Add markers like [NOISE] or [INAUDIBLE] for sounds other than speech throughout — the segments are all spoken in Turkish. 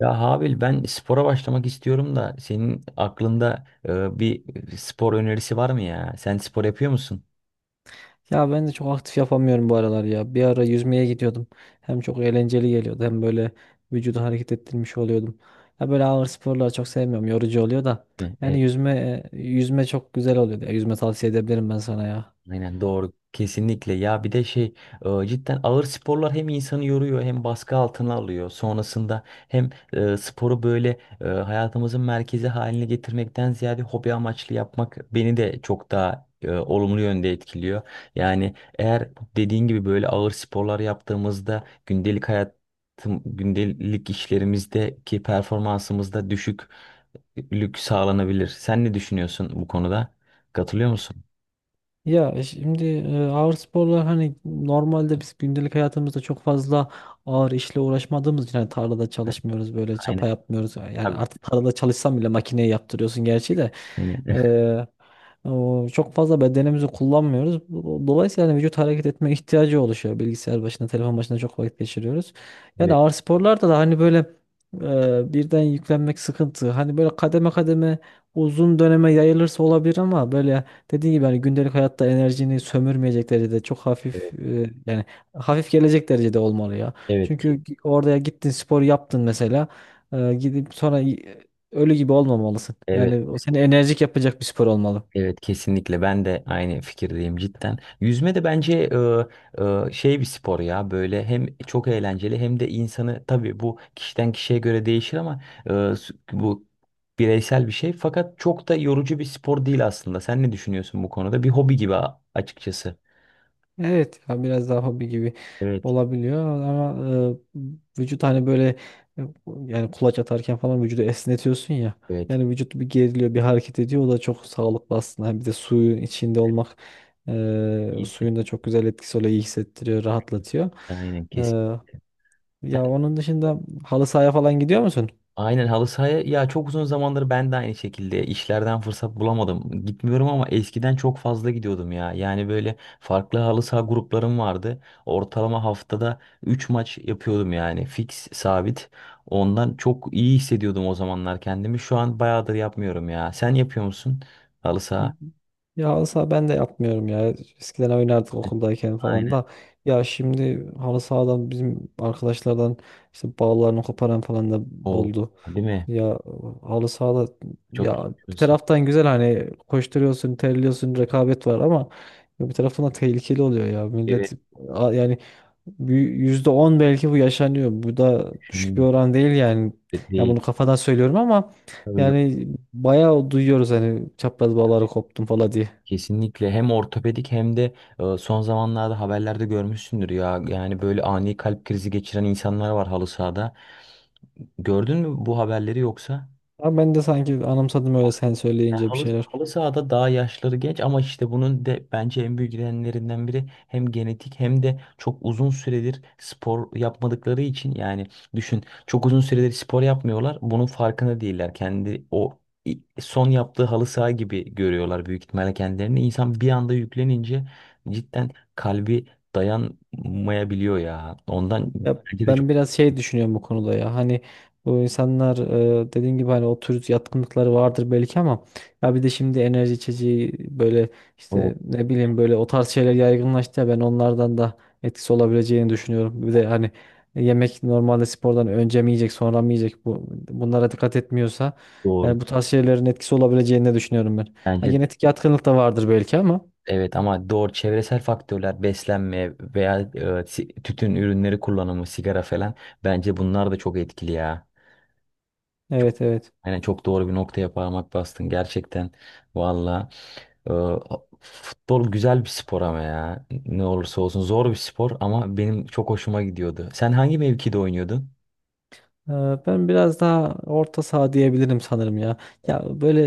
Ya Habil, ben spora başlamak istiyorum da senin aklında bir spor önerisi var mı ya? Sen spor yapıyor musun? Ya ben de çok aktif yapamıyorum bu aralar ya. Bir ara yüzmeye gidiyordum. Hem çok eğlenceli geliyordu hem böyle vücudu hareket ettirmiş oluyordum. Ya böyle ağır sporları çok sevmiyorum. Yorucu oluyor da. Yani Evet. yüzme çok güzel oluyordu. Ya yüzme tavsiye edebilirim ben sana ya. Aynen doğru. Kesinlikle ya, bir de cidden ağır sporlar hem insanı yoruyor hem baskı altına alıyor. Sonrasında hem sporu hayatımızın merkezi haline getirmekten ziyade hobi amaçlı yapmak beni de çok daha olumlu yönde etkiliyor. Yani eğer dediğin gibi böyle ağır sporlar yaptığımızda gündelik işlerimizdeki performansımızda düşüklük sağlanabilir. Sen ne düşünüyorsun bu konuda? Katılıyor musun? Şimdi ağır sporlar hani normalde biz gündelik hayatımızda çok fazla ağır işle uğraşmadığımız için hani tarlada Evet. çalışmıyoruz böyle Aynen. çapa yapmıyoruz. Yani Tabii. artık tarlada çalışsam bile makineye yaptırıyorsun gerçi de. Aynen. [LAUGHS] O çok fazla bedenimizi kullanmıyoruz. Dolayısıyla hani vücut hareket etme ihtiyacı oluşuyor. Bilgisayar başında, telefon başında çok vakit geçiriyoruz. Yani Evet, ağır sporlarda da hani böyle birden yüklenmek sıkıntı. Hani böyle kademe kademe uzun döneme yayılırsa olabilir ama böyle, dediğim gibi hani gündelik hayatta enerjini sömürmeyecek derecede çok hafif, evet, yani hafif gelecek derecede olmalı ya. evet Çünkü ki, oraya gittin, spor yaptın mesela, gidip sonra ölü gibi olmamalısın. evet, Yani o seni enerjik yapacak bir spor olmalı. evet, kesinlikle ben de aynı fikirdeyim cidden. Yüzme de bence bir spor ya, böyle hem çok eğlenceli hem de insanı, tabii bu kişiden kişiye göre değişir ama bu bireysel bir şey, fakat çok da yorucu bir spor değil aslında. Sen ne düşünüyorsun bu konuda? Bir hobi gibi açıkçası. Evet ya, biraz daha hobi gibi Evet, olabiliyor ama vücut hani böyle, e, yani kulaç atarken falan vücudu esnetiyorsun ya. evet. Yani vücut bir geriliyor, bir hareket ediyor. O da çok sağlıklı aslında. Hem bir de suyun içinde olmak, İyi. suyun da çok güzel etkisi oluyor. İyi hissettiriyor, rahatlatıyor. Aynen E, kesin. Ya onun dışında halı sahaya falan gidiyor musun? Aynen, halı sahaya ya çok uzun zamandır ben de aynı şekilde işlerden fırsat bulamadım. Gitmiyorum ama eskiden çok fazla gidiyordum ya. Yani böyle farklı halı saha gruplarım vardı. Ortalama haftada 3 maç yapıyordum yani fix sabit. Ondan çok iyi hissediyordum o zamanlar kendimi. Şu an bayağıdır yapmıyorum ya. Sen yapıyor musun halı saha? Ya olsa ben de yapmıyorum ya. Eskiden oynardık okuldayken falan Aynen. da. Ya şimdi halı sahadan bizim arkadaşlardan işte bağlarını koparan falan da O oldu. değil mi? Ya halı sahada, Çok ya bir yapıyorsun. taraftan güzel, hani koşturuyorsun, terliyorsun, rekabet var ama ya bir taraftan da tehlikeli oluyor ya. Evet, Millet, yani bir %10 belki bu yaşanıyor. Bu da düşük bir düşünüyorum. oran değil yani. Ya Değil. bunu kafadan söylüyorum ama Tabii. yani bayağı duyuyoruz hani çapraz bağları koptum falan diye. Kesinlikle hem ortopedik hem de son zamanlarda haberlerde görmüşsündür ya, yani böyle ani kalp krizi geçiren insanlar var halı sahada. Gördün mü bu haberleri yoksa? Ama ben de sanki anımsadım öyle, sen Ya söyleyince bir şeyler. halı sahada daha yaşları genç ama işte bunun de bence en büyük nedenlerinden biri hem genetik hem de çok uzun süredir spor yapmadıkları için. Yani düşün, çok uzun süredir spor yapmıyorlar, bunun farkına değiller kendi. Son yaptığı halı saha gibi görüyorlar büyük ihtimalle kendilerini, insan bir anda yüklenince cidden kalbi dayanmayabiliyor ya ondan. Ya Bence de çok ben biraz şey düşünüyorum bu konuda ya. Hani bu insanlar, dediğin gibi hani o tür yatkınlıkları vardır belki ama ya bir de şimdi enerji içeceği böyle, doğru, işte ne bileyim, böyle o tarz şeyler yaygınlaştı ya, ben onlardan da etkisi olabileceğini düşünüyorum. Bir de hani yemek, normalde spordan önce mi yiyecek sonra mı yiyecek, bunlara dikkat etmiyorsa, doğru. yani bu tarz şeylerin etkisi olabileceğini de düşünüyorum ben. Ha, Bence de genetik yatkınlık da vardır belki ama. evet, ama doğru, çevresel faktörler, beslenme veya tütün ürünleri kullanımı, sigara falan, bence bunlar da çok etkili ya. Çok, Evet, evet. yani çok doğru bir noktaya parmak bastın gerçekten valla. E, Futbol güzel bir spor ama ya ne olursa olsun zor bir spor, ama benim çok hoşuma gidiyordu. Sen hangi mevkide oynuyordun? Ben biraz daha orta saha diyebilirim sanırım ya. Ya böyle,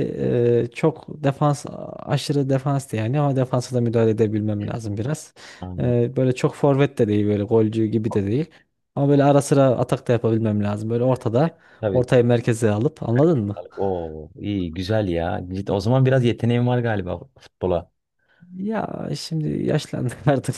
çok defans, aşırı defans da yani, ama defansa da müdahale edebilmem Evet. lazım biraz. Aynen. Böyle çok forvet de değil, böyle golcü gibi de değil. Ama böyle ara sıra atak da yapabilmem lazım. Böyle ortada, Tabii. ortayı merkeze alıp, Herkes. anladın mı? Oo, iyi, güzel ya. Cidden, o zaman biraz yeteneğin var galiba futbola. Ya şimdi yaşlandık [LAUGHS] artık.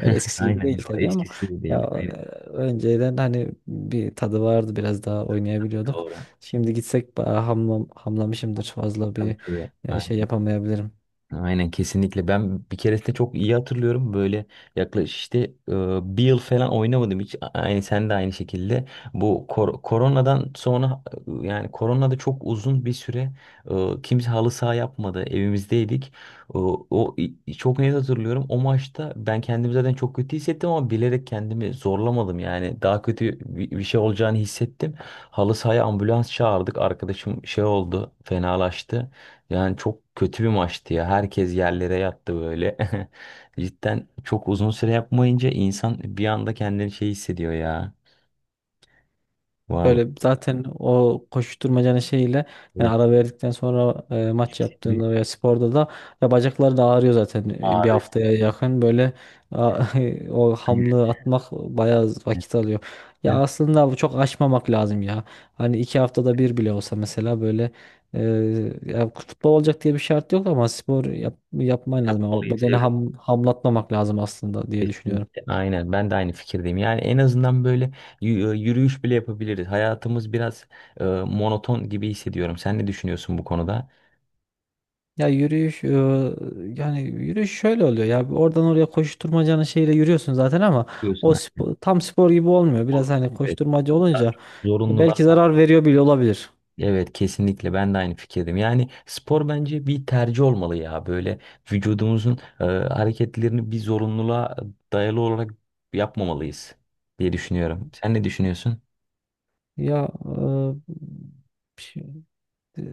Öyle eskisi gibi Aynen. değil tabii ama Eskisi gibi değil. ya, e, önceden hani bir tadı vardı, biraz daha Tabii oynayabiliyorduk. doğru. Şimdi gitsek hamlamışımdır, fazla Tabii bir tabii. Şey Aynen. yapamayabilirim. Aynen kesinlikle. Ben bir keresinde çok iyi hatırlıyorum. Böyle yaklaşık işte bir yıl falan oynamadım hiç. Aynı, sen de aynı şekilde. Bu koronadan sonra, yani koronada çok uzun bir süre kimse halı saha yapmadı. Evimizdeydik. Çok net hatırlıyorum. O maçta ben kendimi zaten çok kötü hissettim ama bilerek kendimi zorlamadım. Yani daha kötü bir şey olacağını hissettim. Halı sahaya ambulans çağırdık. Arkadaşım şey oldu, fenalaştı. Yani çok kötü bir maçtı ya. Herkes yerlere yattı böyle. [LAUGHS] Cidden çok uzun süre yapmayınca insan bir anda kendini şey hissediyor ya. Vallahi Böyle zaten o koşuşturmacanın şeyiyle, yani evet, ara verdikten sonra maç bir yaptığında veya sporda da, ya bacakları da ağrıyor zaten bir ağrı. haftaya yakın böyle, a- [LAUGHS] o hamlığı atmak bayağı vakit alıyor. Ya Aynen. aslında bu çok aşmamak lazım ya. Hani 2 haftada bir bile olsa mesela, böyle, e, ya futbol olacak diye bir şart yok ama spor yapman lazım. O Yapmalıyız. bedeni Evet. Hamlatmamak lazım aslında diye düşünüyorum. Kesinlikle. Aynen. Ben de aynı fikirdeyim. Yani en azından böyle yürüyüş bile yapabiliriz. Hayatımız biraz monoton gibi hissediyorum. Sen ne düşünüyorsun bu konuda? Ya yürüyüş, yani yürüyüş şöyle oluyor ya, oradan oraya koşturmacanın şeyle yürüyorsun zaten ama o Diyorsun. Tam spor gibi olmuyor. Biraz hani Evet. koşturmaca Daha olunca çok zorunlular. belki zarar veriyor bile olabilir. Evet kesinlikle ben de aynı fikirdim. Yani spor bence bir tercih olmalı ya. Böyle vücudumuzun hareketlerini bir zorunluluğa dayalı olarak yapmamalıyız diye düşünüyorum. Sen ne düşünüyorsun? Ya, e, Eee,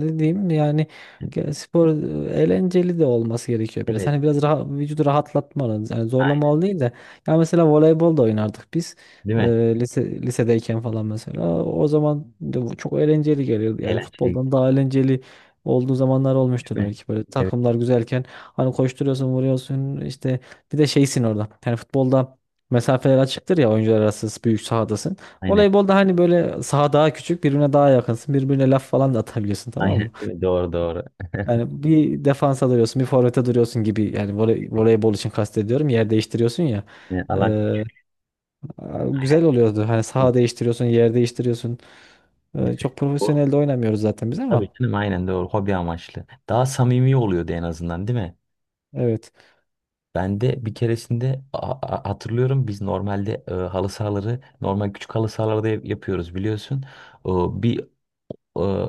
ne diyeyim yani, spor eğlenceli de olması gerekiyor biraz. Evet, Hani biraz rahat, vücudu rahatlatmalı. Yani aynen, zorlamalı değil de. Ya mesela voleybol da oynardık biz. değil Eee, mi? Lisedeyken falan mesela. O zaman de bu çok eğlenceli geliyordu. Yani Eğlenceli futboldan daha eğlenceli olduğu zamanlar olmuştur değil mi? belki, böyle Evet, takımlar güzelken, hani koşturuyorsun, vuruyorsun, işte bir de şeysin orada, yani futbolda mesafeler açıktır ya, oyuncular arası büyük sahadasın. aynen. Voleybolda hani böyle saha daha küçük, birbirine daha yakınsın. Birbirine laf falan da atabiliyorsun, Aynen tamam mı? değil mi? Doğru doğru. [LAUGHS] Yani bir defansa duruyorsun, bir forvete duruyorsun gibi. Yani voleybol için kastediyorum. Yer değiştiriyorsun ya. Yani alan Ee, aynen. Güzel oluyordu. Hani Doğru. saha değiştiriyorsun, yer değiştiriyorsun. Değil mi? Çok Doğru. profesyonel de oynamıyoruz zaten biz Tabii ama. canım, aynen doğru. Hobi amaçlı. Daha samimi oluyordu en azından değil mi? Evet. Ben de bir keresinde hatırlıyorum, biz normalde halı sahaları, normal küçük halı sahalarda yapıyoruz biliyorsun. Bir e,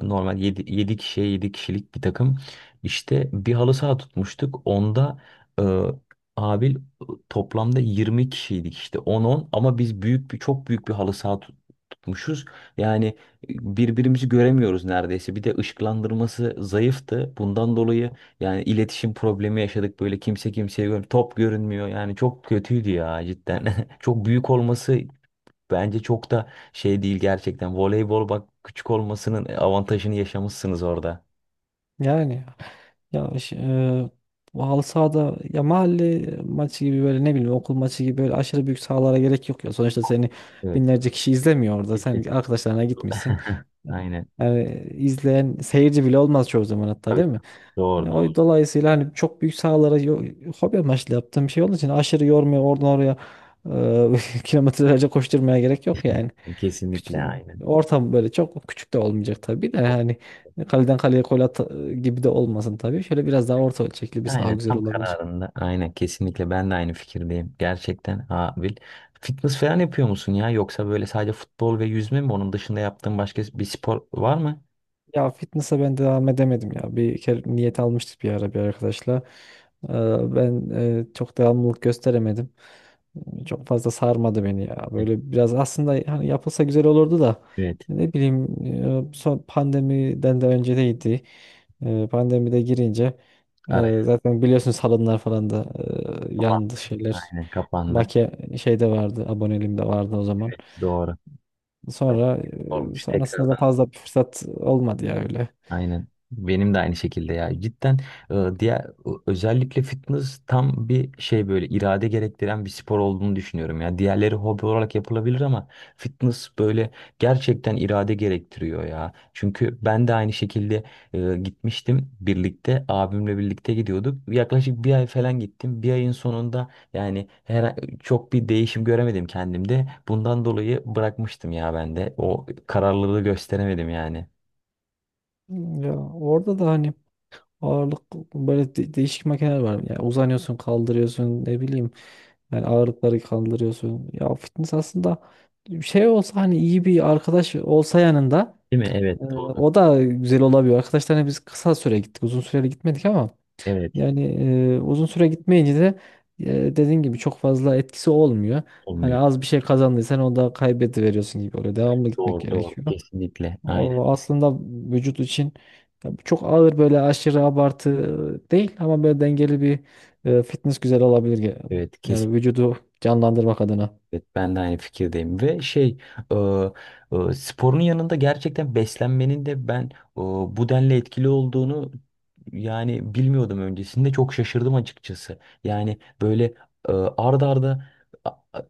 normal 7 7 kişiye, 7 kişilik bir takım. İşte bir halı saha tutmuştuk. Onda e, abil toplamda 20 kişiydik işte on-on, ama biz büyük bir, çok büyük bir halı saha tutmuşuz. Yani birbirimizi göremiyoruz neredeyse. Bir de ışıklandırması zayıftı. Bundan dolayı yani iletişim problemi yaşadık. Böyle kimse kimseye top görünmüyor. Yani çok kötüydü ya cidden. [LAUGHS] Çok büyük olması. Bence çok da şey değil gerçekten. Voleybol bak, küçük olmasının avantajını yaşamışsınız orada. Yani, ya ş- e, bu halı sahada, ya mahalle maçı gibi, böyle ne bileyim, okul maçı gibi, böyle aşırı büyük sahalara gerek yok ya. Sonuçta seni Evet. binlerce kişi izlemiyor orada. Kesin. Sen arkadaşlarına gitmişsin. [LAUGHS] Aynen. Yani izleyen seyirci bile olmaz çoğu zaman hatta, Tabii. değil mi? Doğru doğru. O dolayısıyla hani çok büyük sahalara, hobi amaçlı yaptığım bir şey olduğu için aşırı yormuyor, oradan oraya [LAUGHS] kilometrelerce koşturmaya gerek yok yani. Küçük, Kesinlikle aynen. Ortam böyle çok küçük de olmayacak tabii de, yani kaleden kaleye gol at gibi de olmasın tabii. Şöyle biraz daha orta ölçekli bir saha Aynen güzel tam olabilir. kararında. Aynen kesinlikle ben de aynı fikirdeyim. Gerçekten Abil. Fitness falan yapıyor musun ya? Yoksa böyle sadece futbol ve yüzme mi? Onun dışında yaptığın başka bir spor var mı? Ya fitness'a ben devam edemedim ya. Bir kere niyet almıştık bir ara bir arkadaşla. E, Ben çok devamlılık gösteremedim. Çok fazla sarmadı beni ya. Böyle biraz aslında hani yapılsa güzel olurdu da, Evet. ne bileyim, son pandemiden de öncedeydi. Pandemide girince Araya. zaten biliyorsunuz, salonlar falan da Kapan-. yandı şeyler. Aynen kapandı. Make şeyde vardı, aboneliğimde vardı o zaman. Doğru. Sonra Sormuş Sonrasında da tekrardan. fazla bir fırsat olmadı ya öyle. Aynen. Benim de aynı şekilde ya. Cidden diğer, özellikle fitness tam bir şey, böyle irade gerektiren bir spor olduğunu düşünüyorum ya. Diğerleri hobi olarak yapılabilir ama fitness böyle gerçekten irade gerektiriyor ya. Çünkü ben de aynı şekilde gitmiştim, birlikte abimle birlikte gidiyorduk. Yaklaşık bir ay falan gittim. Bir ayın sonunda yani her, çok bir değişim göremedim kendimde. Bundan dolayı bırakmıştım ya ben de. O kararlılığı gösteremedim yani. Ya orada da hani ağırlık, böyle değişik makineler var. Yani uzanıyorsun, kaldırıyorsun, ne bileyim. Yani ağırlıkları kaldırıyorsun. Ya fitness aslında şey olsa, hani iyi bir arkadaş olsa yanında, Değil mi? Evet, doğru. o da güzel olabiliyor. Arkadaşlarla biz kısa süre gittik. Uzun süreli gitmedik ama Evet, yani, uzun süre gitmeyince de, e, dediğin gibi çok fazla etkisi olmuyor. Hani olmuyor. az bir şey kazandıysan o da kaybediveriyorsun gibi oluyor. Devamlı gitmek Doğru doğru gerekiyor. kesinlikle. Aynen. O aslında vücut için, ya çok ağır böyle aşırı abartı değil ama böyle dengeli bir fitness güzel olabilir. Evet kesin. Yani vücudu canlandırmak adına. Evet, ben de aynı fikirdeyim ve e, sporun yanında gerçekten beslenmenin de bu denli etkili olduğunu yani bilmiyordum öncesinde, çok şaşırdım açıkçası. Yani böyle ard arda, a- a-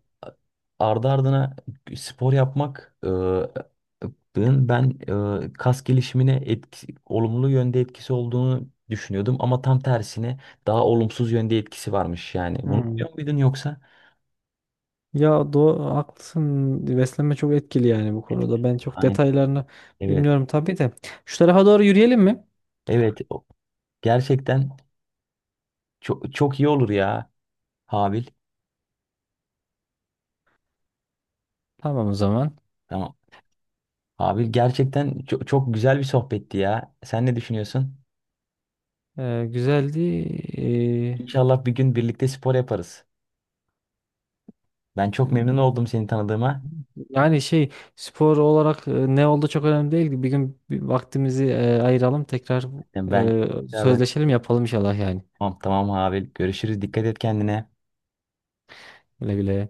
ardı ardına spor yapmak, ben ben, kas gelişimine etki, olumlu yönde etkisi olduğunu düşünüyordum ama tam tersine daha olumsuz yönde etkisi varmış yani. Bunu Hmm. biliyor muydun yoksa? Ya doğru, haklısın. Beslenme çok etkili yani bu Etki. konuda. Ben çok detaylarını Evet. bilmiyorum tabii de. Şu tarafa doğru yürüyelim mi? Evet. Gerçekten çok, çok iyi olur ya Habil. Tamam o zaman. Tamam. Habil gerçekten çok, çok güzel bir sohbetti ya. Sen ne düşünüyorsun? Güzeldi. İnşallah bir gün birlikte spor yaparız. Ben çok memnun oldum seni tanıdığıma. Yani şey, spor olarak ne oldu çok önemli değil. Bir gün bir vaktimizi ayıralım, tekrar Yani ben tekrardan, sözleşelim, yapalım inşallah yani. tamam tamam Habil. Görüşürüz. Dikkat et kendine. Güle güle.